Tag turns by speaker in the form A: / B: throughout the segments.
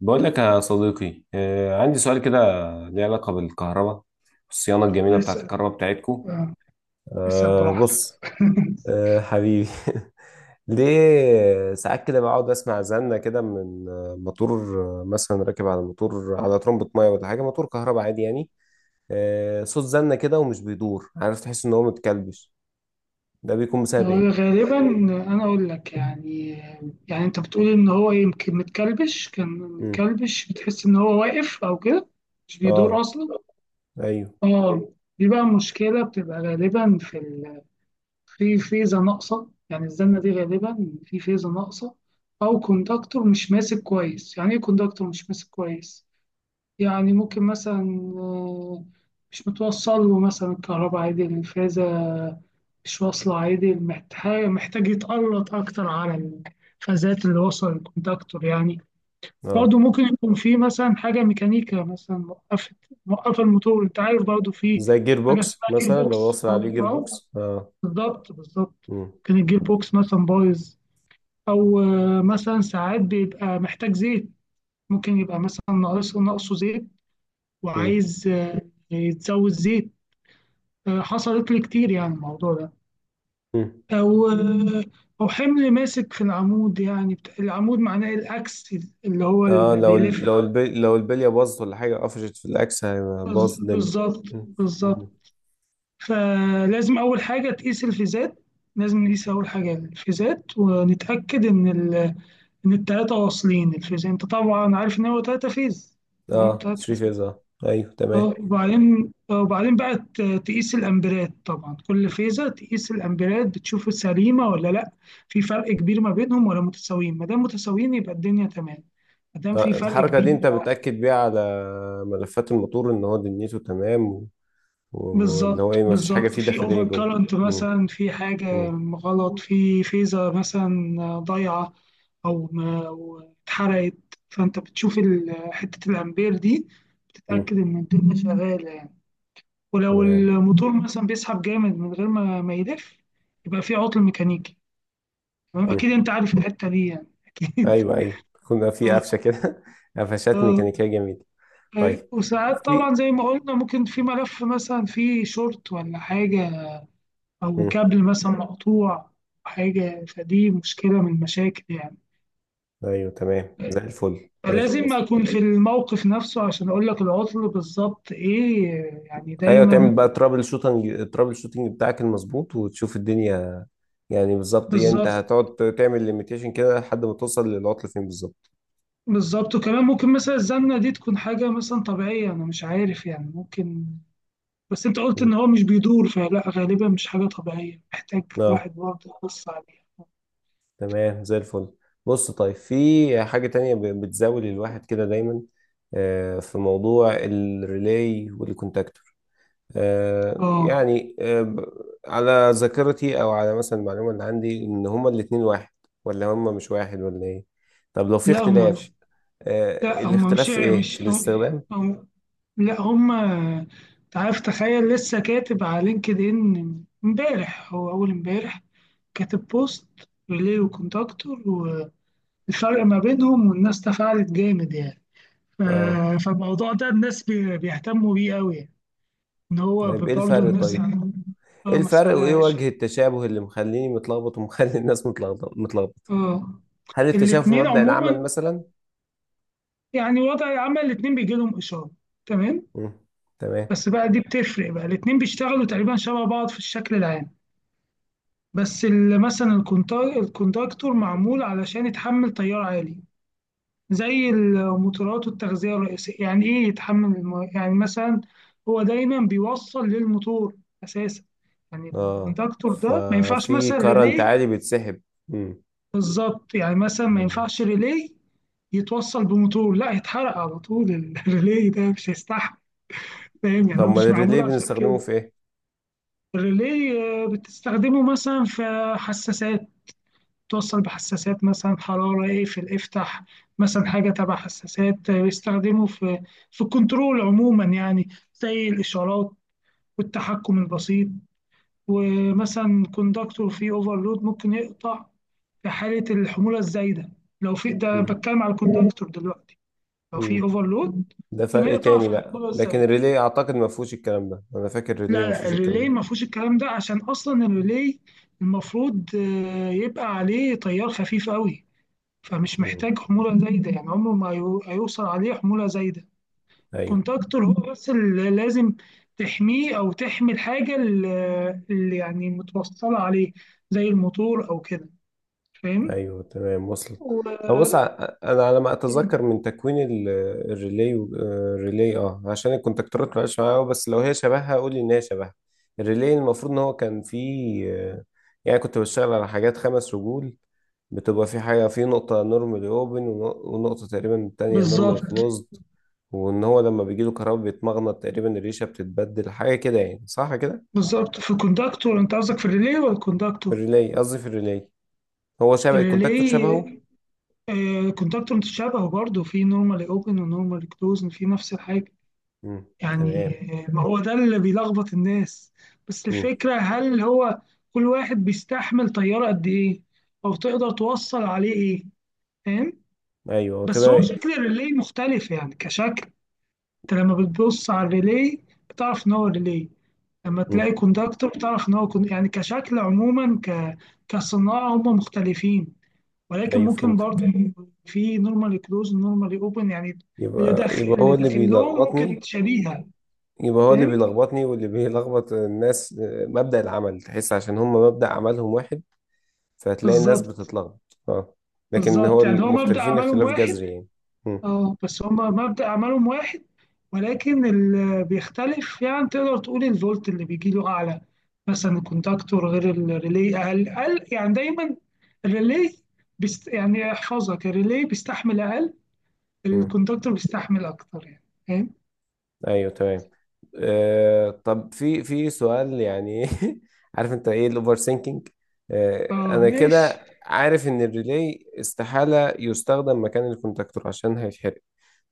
A: بقول لك يا صديقي، عندي سؤال كده ليه علاقة بالكهرباء، الصيانة الجميلة بتاعت
B: اسأل،
A: الكهرباء بتاعتكو.
B: آه، اسأل
A: أه
B: براحتك.
A: بص. أه حبيبي ليه ساعات كده بقعد اسمع زنة كده من موتور، مثلا راكب على موتور على ترمبة ميه ولا حاجة، موتور كهرباء عادي يعني. أه صوت زنة كده ومش بيدور، عارف، تحس ان هو متكلبش. ده بيكون بسبب
B: هو
A: ايه؟
B: غالبا، أنا أقول لك يعني، أنت بتقول إن هو يمكن متكلبش، كان
A: مم.
B: متكلبش بتحس إن هو واقف أو كده، مش بيدور
A: اه.
B: أصلا.
A: ايوه.
B: اه، دي بقى مشكلة بتبقى غالبا في ال... في فيزا ناقصة، يعني الزنة دي غالبا في فيزا ناقصة، أو كوندكتور مش ماسك كويس. يعني إيه كوندكتور مش ماسك كويس؟ يعني ممكن مثلا مش متوصل له مثلا الكهرباء عادي، الفازة مش واصلة عادي، محتاج يتقلط أكتر على الفازات اللي وصل الكونتاكتور يعني.
A: اه.
B: برضه ممكن يكون في مثلا حاجة ميكانيكا مثلا موقفة، موقفة الموتور. أنت عارف برضه في
A: زي جير
B: حاجة
A: بوكس
B: اسمها جير
A: مثلا، لو
B: بوكس،
A: وصل
B: أو
A: عليه جير
B: أو-
A: بوكس اه.
B: بالظبط بالظبط.
A: مم.
B: كان الجير بوكس مثلا بايظ، أو مثلا ساعات بيبقى محتاج زيت، ممكن يبقى مثلا ناقصه زيت، وعايز يتزود زيت. حصلت لي كتير يعني الموضوع ده.
A: مم.
B: أو حمل ماسك في العمود، يعني العمود معناه الأكس اللي هو
A: اه،
B: اللي
A: لو ال-
B: بيلف.
A: لو البلي لو البليه باظت ولا حاجه، قفشت في الاكس، هيبقى باظ الدنيا.
B: بالظبط
A: مم.
B: بالظبط.
A: مم.
B: فلازم أول حاجة تقيس الفيزات، لازم نقيس أول حاجة الفيزات ونتأكد إن ال... إن التلاتة واصلين الفيز. أنت طبعا عارف إن هو تلاتة فيز، تمام،
A: اه،
B: تلات
A: 3
B: فيز.
A: فيز اه، ايوه تمام.
B: اه، وبعدين وبعدين بقى تقيس الامبيرات، طبعا كل فيزة تقيس الامبيرات بتشوف سليمة ولا لا. في فرق كبير ما بينهم ولا متساويين؟ ما دام متساويين يبقى الدنيا تمام، ما دام في
A: آه
B: فرق
A: الحركه دي
B: كبير
A: انت بتاكد بيها على ملفات الموتور ان هو دنيته تمام و- واللي هو
B: بالظبط
A: ايه، ما فيش حاجه
B: بالظبط.
A: فيه
B: في
A: داخليه
B: اوفر
A: جوه.
B: كارنت،
A: مم.
B: مثلا في حاجة
A: مم.
B: غلط في فيزة مثلا ضايعة او ما أو اتحرقت، فانت بتشوف حتة الامبير دي،
A: مم.
B: بتتأكد ان الدنيا شغالة. ولو
A: تمام.
B: الموتور مثلا بيسحب جامد من غير ما يلف، يبقى في عطل ميكانيكي. تمام،
A: مم.
B: اكيد انت عارف الحته دي يعني، اكيد.
A: ايوه ايوه. كنا في
B: اه،
A: قفشه كده قفشات
B: اه،
A: ميكانيكيه جميله.
B: أيوة.
A: طيب.
B: وساعات طبعا
A: في.
B: زي ما قلنا ممكن في ملف مثلا فيه شورت ولا حاجه، او
A: مم.
B: كابل مثلا مقطوع، حاجه، فدي مشكله من المشاكل يعني.
A: ايوه تمام زي الفل، ماشي.
B: فلازم اكون في الموقف نفسه عشان اقول لك العطل بالظبط ايه، يعني
A: ايوه
B: دايما
A: تعمل بقى ترابل شوتنج، الترابل شوتنج بتاعك المظبوط، وتشوف الدنيا يعني بالظبط. يعني انت
B: بالظبط
A: هتقعد تعمل ليميتيشن كده لحد ما توصل للعطل فين بالظبط.
B: بالظبط. وكمان ممكن مثلا الزمنة دي تكون حاجة مثلا طبيعية، أنا مش عارف يعني، ممكن، بس أنت قلت
A: مم.
B: إن هو مش بيدور، فلا غالبا مش حاجة طبيعية، محتاج
A: اه
B: الواحد برضه يبص عليها.
A: تمام زي الفل. بص طيب، في حاجة تانية بتزاول الواحد كده دايما، في موضوع الريلاي والكونتاكتور. آه،
B: آه،
A: يعني آه، ب- على ذاكرتي او على مثلا المعلومة اللي عندي ان هما الاتنين واحد، ولا هما مش واحد ولا ايه؟ طب لو في
B: لا هما
A: اختلاف،
B: مش لا هما
A: الاختلاف في ايه، في
B: مش
A: الاستخدام؟
B: هم- لا هما، أنت عارف، تخيل لسه كاتب على لينكد إن إمبارح، هو أول إمبارح كاتب بوست ريلي وكونتاكتور والفرق ما بينهم، والناس تفاعلت جامد يعني.
A: اه.
B: فالموضوع ده الناس بيهتموا بيه قوي يعني. ان هو
A: طيب ايه
B: برضه
A: الفرق
B: الناس
A: طيب؟
B: عندهم-
A: ايه
B: اه،
A: الفرق وايه
B: مسألة.
A: وجه التشابه اللي مخليني متلخبط ومخلي الناس متلخبط؟
B: اه،
A: هل التشابه في
B: الاتنين
A: مبدأ العمل
B: عموما،
A: مثلا؟
B: يعني وضع العمل الاتنين بيجي لهم إشارة، تمام،
A: مم. تمام.
B: بس بقى دي بتفرق، بقى الاتنين بيشتغلوا تقريبا شبه بعض في الشكل العام، بس مثلا الكونتاكتور معمول علشان يتحمل تيار عالي، زي المطورات والتغذية الرئيسية. يعني إيه يتحمل الم... يعني مثلا هو دايما بيوصل للموتور أساسا. يعني
A: اه
B: الكوندكتور ده ما ينفعش
A: ففي
B: مثلا
A: كرنت
B: ريلي،
A: عالي بيتسحب. مم.
B: بالظبط، يعني مثلا ما
A: مم.
B: ينفعش ريلي يتوصل بموتور لا يتحرق على طول الريلي ده مش هيستحمل. فاهم؟ يعني
A: طب
B: هو
A: ما
B: مش معمول
A: الريلي
B: عشان
A: بنستخدمه
B: كده.
A: في ايه؟
B: الريلي بتستخدمه مثلا في حساسات، توصل بحساسات مثلا حرارة اقفل افتح، مثلا حاجة تبع حساسات بيستخدموا في الكنترول عموما يعني، زي الإشارات والتحكم البسيط. ومثلا كوندكتور فيه اوفرلود ممكن يقطع في حالة الحمولة الزايدة، لو في، ده
A: مم.
B: بتكلم على الكوندكتور دلوقتي، لو في
A: مم.
B: اوفرلود
A: ده
B: ممكن
A: فرق
B: يقطع
A: تاني
B: في
A: بقى،
B: الحمولة
A: لكن
B: الزايدة.
A: الريلي اعتقد ما فيهوش الكلام ده، انا فاكر الريلي
B: لا
A: ما
B: لا
A: فيهوش الكلام ده.
B: الريلي ما فيهوش الكلام ده، عشان اصلا الريلي المفروض يبقى عليه تيار خفيف قوي، فمش
A: مم.
B: محتاج حمولة زايدة يعني، عمره ما هيوصل عليه حمولة زايدة.
A: ايوه.
B: كونتاكتور هو بس اللي لازم تحميه، أو تحمي الحاجة اللي يعني متوصلة عليه، زي الموتور أو كده. فاهم؟
A: ايوه تمام وصلت.
B: و...
A: هو بص انا على ما اتذكر من تكوين الريلي الريلي، اه عشان الكونتاكتورات ما بقاش معايا أوي، بس لو هي شبهها قول لي ان هي شبهها. الريلي المفروض ان هو كان فيه، يعني كنت بشتغل على حاجات خمس رجول، بتبقى في حاجه في نقطه نورمالي اوبن، ونقطه تقريبا تانية نورمالي
B: بالظبط
A: كلوزد، وان هو لما بيجي له كهرباء بيتمغنط، تقريبا الريشه بتتبدل حاجه كده يعني، صح كده؟
B: بالظبط. في الكونتاكتور، أنت قصدك في الريلي ولا
A: في
B: الكونتاكتور؟
A: الريلي، قصدي في الريلي. هو شبه الكونتاكتور،
B: الريلي،
A: شبهه.
B: كونتاكتور متشابه برضه في نورمالي اوبن ونورمالي كلوز، في نفس الحاجة
A: امم. تمام.
B: يعني. ما هو ده اللي بيلخبط الناس، بس
A: مم.
B: الفكرة هل هو كل واحد بيستحمل طيارة قد إيه؟ أو تقدر توصل عليه إيه؟ فاهم؟
A: ايوه هو
B: بس هو
A: كده.
B: شكل الريلي مختلف يعني كشكل، أنت لما بتبص على الريلي بتعرف إن هو ريلي، لما
A: مم.
B: تلاقي كوندكتور بتعرف إن هو كون... يعني كشكل عموما، ك... كصناعة هم مختلفين، ولكن
A: ايوه
B: ممكن برضه
A: فهمتك.
B: في نورمالي كلوز نورمالي أوبن يعني، اللي
A: يبقى
B: داخل
A: يبقى هو اللي
B: لهم ممكن
A: بيلخبطني.
B: شبيهة.
A: يبقى هو اللي
B: فاهم؟
A: بيلخبطني واللي بيلخبط الناس، مبدأ العمل، تحس عشان هم مبدأ عملهم واحد. فهتلاقي الناس
B: بالظبط.
A: بتتلخبط اه. لكن هو
B: بالضبط، يعني هو مبدأ
A: المختلفين
B: أعمالهم
A: اختلاف
B: واحد،
A: جذري يعني. مم.
B: بس هم مبدأ أعمالهم واحد، ولكن ال بيختلف، يعني تقدر تقول الفولت اللي بيجي له أعلى، مثلًا الكونتاكتور غير الريلي أقل، أقل يعني دايمًا. الريلي بيست، يعني احفظها، الريلي بيستحمل أقل،
A: مم.
B: الكونتاكتور بيستحمل أكتر يعني. فاهم؟
A: ايوه تمام. آه طب في سؤال يعني عارف انت ايه الاوفر سينكينج؟ آه
B: آه
A: انا
B: ماشي.
A: كده عارف ان الريلي استحالة يستخدم مكان الكونتاكتور عشان هيتحرق.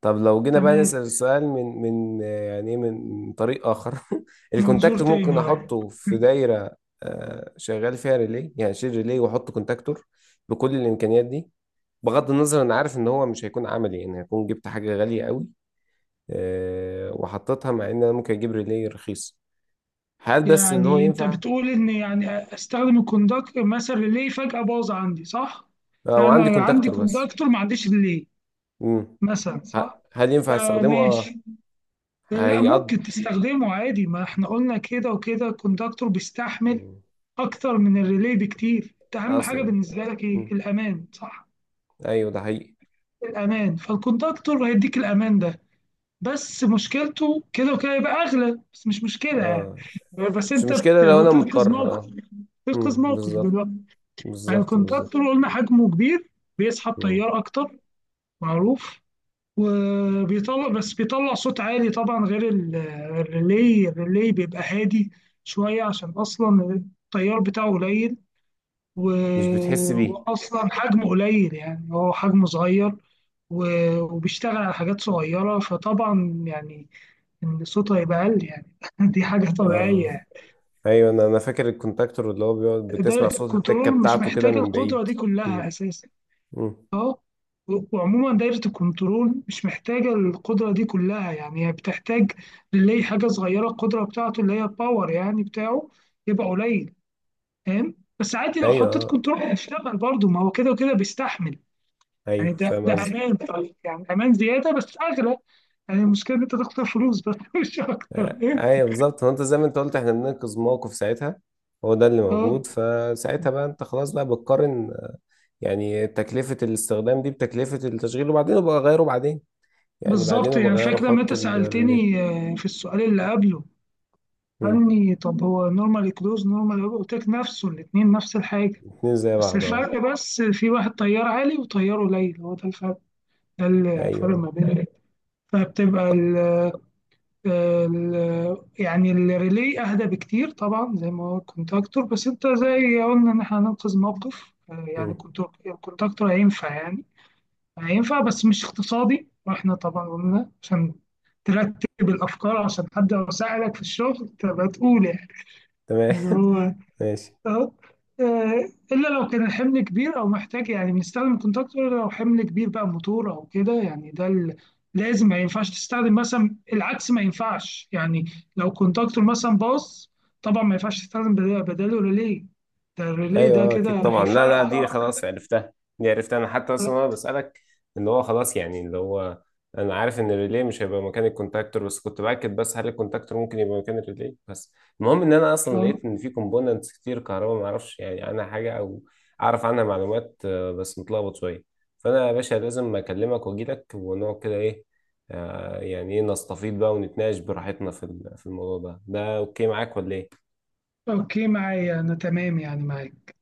A: طب لو جينا بقى
B: تمام.
A: نسأل السؤال من من آه، يعني إيه، من طريق اخر
B: منظور
A: الكونتاكتور ممكن
B: تاني، آه.
A: احطه في دايرة آه شغال فيها ريلي؟ يعني اشيل ريلي واحط كونتاكتور، بكل الامكانيات دي. بغض النظر، انا عارف ان هو مش هيكون عملي، يعني هيكون جبت حاجة غالية قوي وحطيتها، مع ان انا ممكن اجيب ريلي رخيص. هل بس ان هو
B: يعني انت
A: ينفع؟
B: بتقول ان، يعني استخدم الكوندكتور مثلا، ريلي فجأة باظ عندي صح؟
A: وعندي
B: فانا عندي
A: كونتاكتور بس.
B: كوندكتور ما عنديش ريلي
A: مم.
B: مثلا صح؟
A: هل ينفع استخدمه اه؟
B: فماشي، لا
A: هيقض.
B: ممكن تستخدمه عادي، ما احنا قلنا كده وكده الكوندكتور بيستحمل
A: مم.
B: اكتر من الريلي بكتير. انت اهم حاجة
A: اصلا.
B: بالنسبة لك ايه؟
A: مم.
B: الامان صح؟
A: ايوه ده حقيقي.
B: الامان، فالكوندكتور هيديك الامان ده، بس مشكلته كده وكده يبقى اغلى، بس مش مشكلة يعني،
A: اه.
B: بس
A: مش
B: انت
A: مشكلة لو انا
B: بتنقذ
A: مضطر اه.
B: موقف، تنقذ
A: مم.
B: موقف
A: بالظبط
B: دلوقتي. يعني
A: بالظبط بالظبط.
B: الكونتاكتور قلنا حجمه كبير، بيسحب
A: مم.
B: تيار أكتر، معروف، وبيطلع، بس بيطلع صوت عالي طبعا، غير الريلي. الريلي بيبقى هادي شوية، عشان أصلا التيار بتاعه قليل، و...
A: مش بتحس بيه.
B: وأصلا حجمه قليل يعني، هو حجمه صغير، و... وبيشتغل على حاجات صغيرة، فطبعا يعني إن صوته هيبقى أقل يعني، دي حاجة طبيعية
A: اه
B: يعني.
A: ايوه، انا فاكر الكونتاكتور، اللي هو بيقعد
B: ده
A: بتسمع صوت التكة
B: الكنترول مش
A: بتاعته كده
B: محتاج
A: من
B: القدرة
A: بعيد.
B: دي
A: مم.
B: كلها أساسا.
A: مم.
B: اه، وعموما دايرة الكنترول مش محتاجة القدرة دي كلها، يعني هي بتحتاج للي حاجة صغيرة، القدرة بتاعته اللي هي الباور يعني بتاعه يبقى قليل. فاهم؟ بس عادي لو
A: ايوه
B: حطيت
A: آه.
B: كنترول هيشتغل برضه، ما هو كده وكده بيستحمل. يعني
A: ايوه فاهم
B: ده
A: قصدك.
B: أمان، طيب يعني أمان زيادة بس أغلى، يعني المشكلة إن أنت تخسر فلوس بس، مش أكتر ايه.
A: ايوه بالظبط، هو انت زي ما انت قلت احنا بننقذ موقف ساعتها، هو ده اللي
B: اه
A: موجود فساعتها، بقى انت خلاص بقى بتقارن يعني تكلفة الاستخدام دي بتكلفة التشغيل، وبعدين ابقى اغيره بعدين، يعني بعدين
B: بالظبط.
A: ابقى
B: يعني
A: اغيره،
B: فاكر لما
A: احط
B: أنت
A: الريلي.
B: سألتني في السؤال اللي قبله،
A: مم.
B: قال لي طب هو نورمال كلوز نورمال، قلت لك نفسه، الاتنين نفس الحاجة،
A: اتنين زي
B: بس
A: بعض اه.
B: الفرق بس في واحد طيار عالي وطيار قليل، هو ده الفرق، ده الفرق ما
A: ايوه.
B: بين. فبتبقى ال، ال يعني الريلي اهدى بكتير طبعا زي ما هو الكونتاكتور، بس انت زي قلنا ان احنا هننقذ موقف، يعني
A: مم.
B: كنت- الكونتاكتور هينفع يعني، هينفع بس مش اقتصادي. واحنا طبعا قلنا عشان ترتب الافكار، عشان حد يساعدك في الشغل تبقى تقول يعني
A: تمام
B: ان هو،
A: ماشي.
B: اهو، الا لو كان الحمل كبير او محتاج، يعني بنستخدم كونتاكتور لو حمل كبير بقى، موتور او كده يعني، ده لازم، ما ينفعش تستخدم مثلا العكس ما ينفعش يعني. لو كونتاكتور مثلا باظ، طبعا ما ينفعش تستخدم بداله ريلي، ده الريلي
A: ايوه
B: ده كده
A: اكيد طبعا، لا لا دي
B: هيفرقع.
A: خلاص عرفتها، دي عرفتها انا، حتى اصلا انا بسالك. اللي هو خلاص يعني، اللي هو انا عارف ان الريلي مش هيبقى مكان الكونتاكتور، بس كنت باكد بس، هل الكونتاكتور ممكن يبقى مكان الريلي بس. المهم ان انا اصلا
B: اه
A: لقيت ان في كومبوننتس كتير كهرباء ما اعرفش يعني عنها حاجه، او اعرف عنها معلومات بس متلخبط شويه. فانا يا باشا لازم اكلمك واجي لك ونقعد كده ايه، يعني ايه، نستفيض بقى ونتناقش براحتنا في في الموضوع ده، ده اوكي معاك ولا ايه؟
B: اوكي معايا، انا تمام يعني معاك.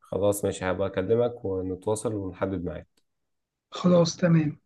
A: خلاص ماشي، هبقى اكلمك ونتواصل ونحدد ميعاد.
B: خلاص تمام.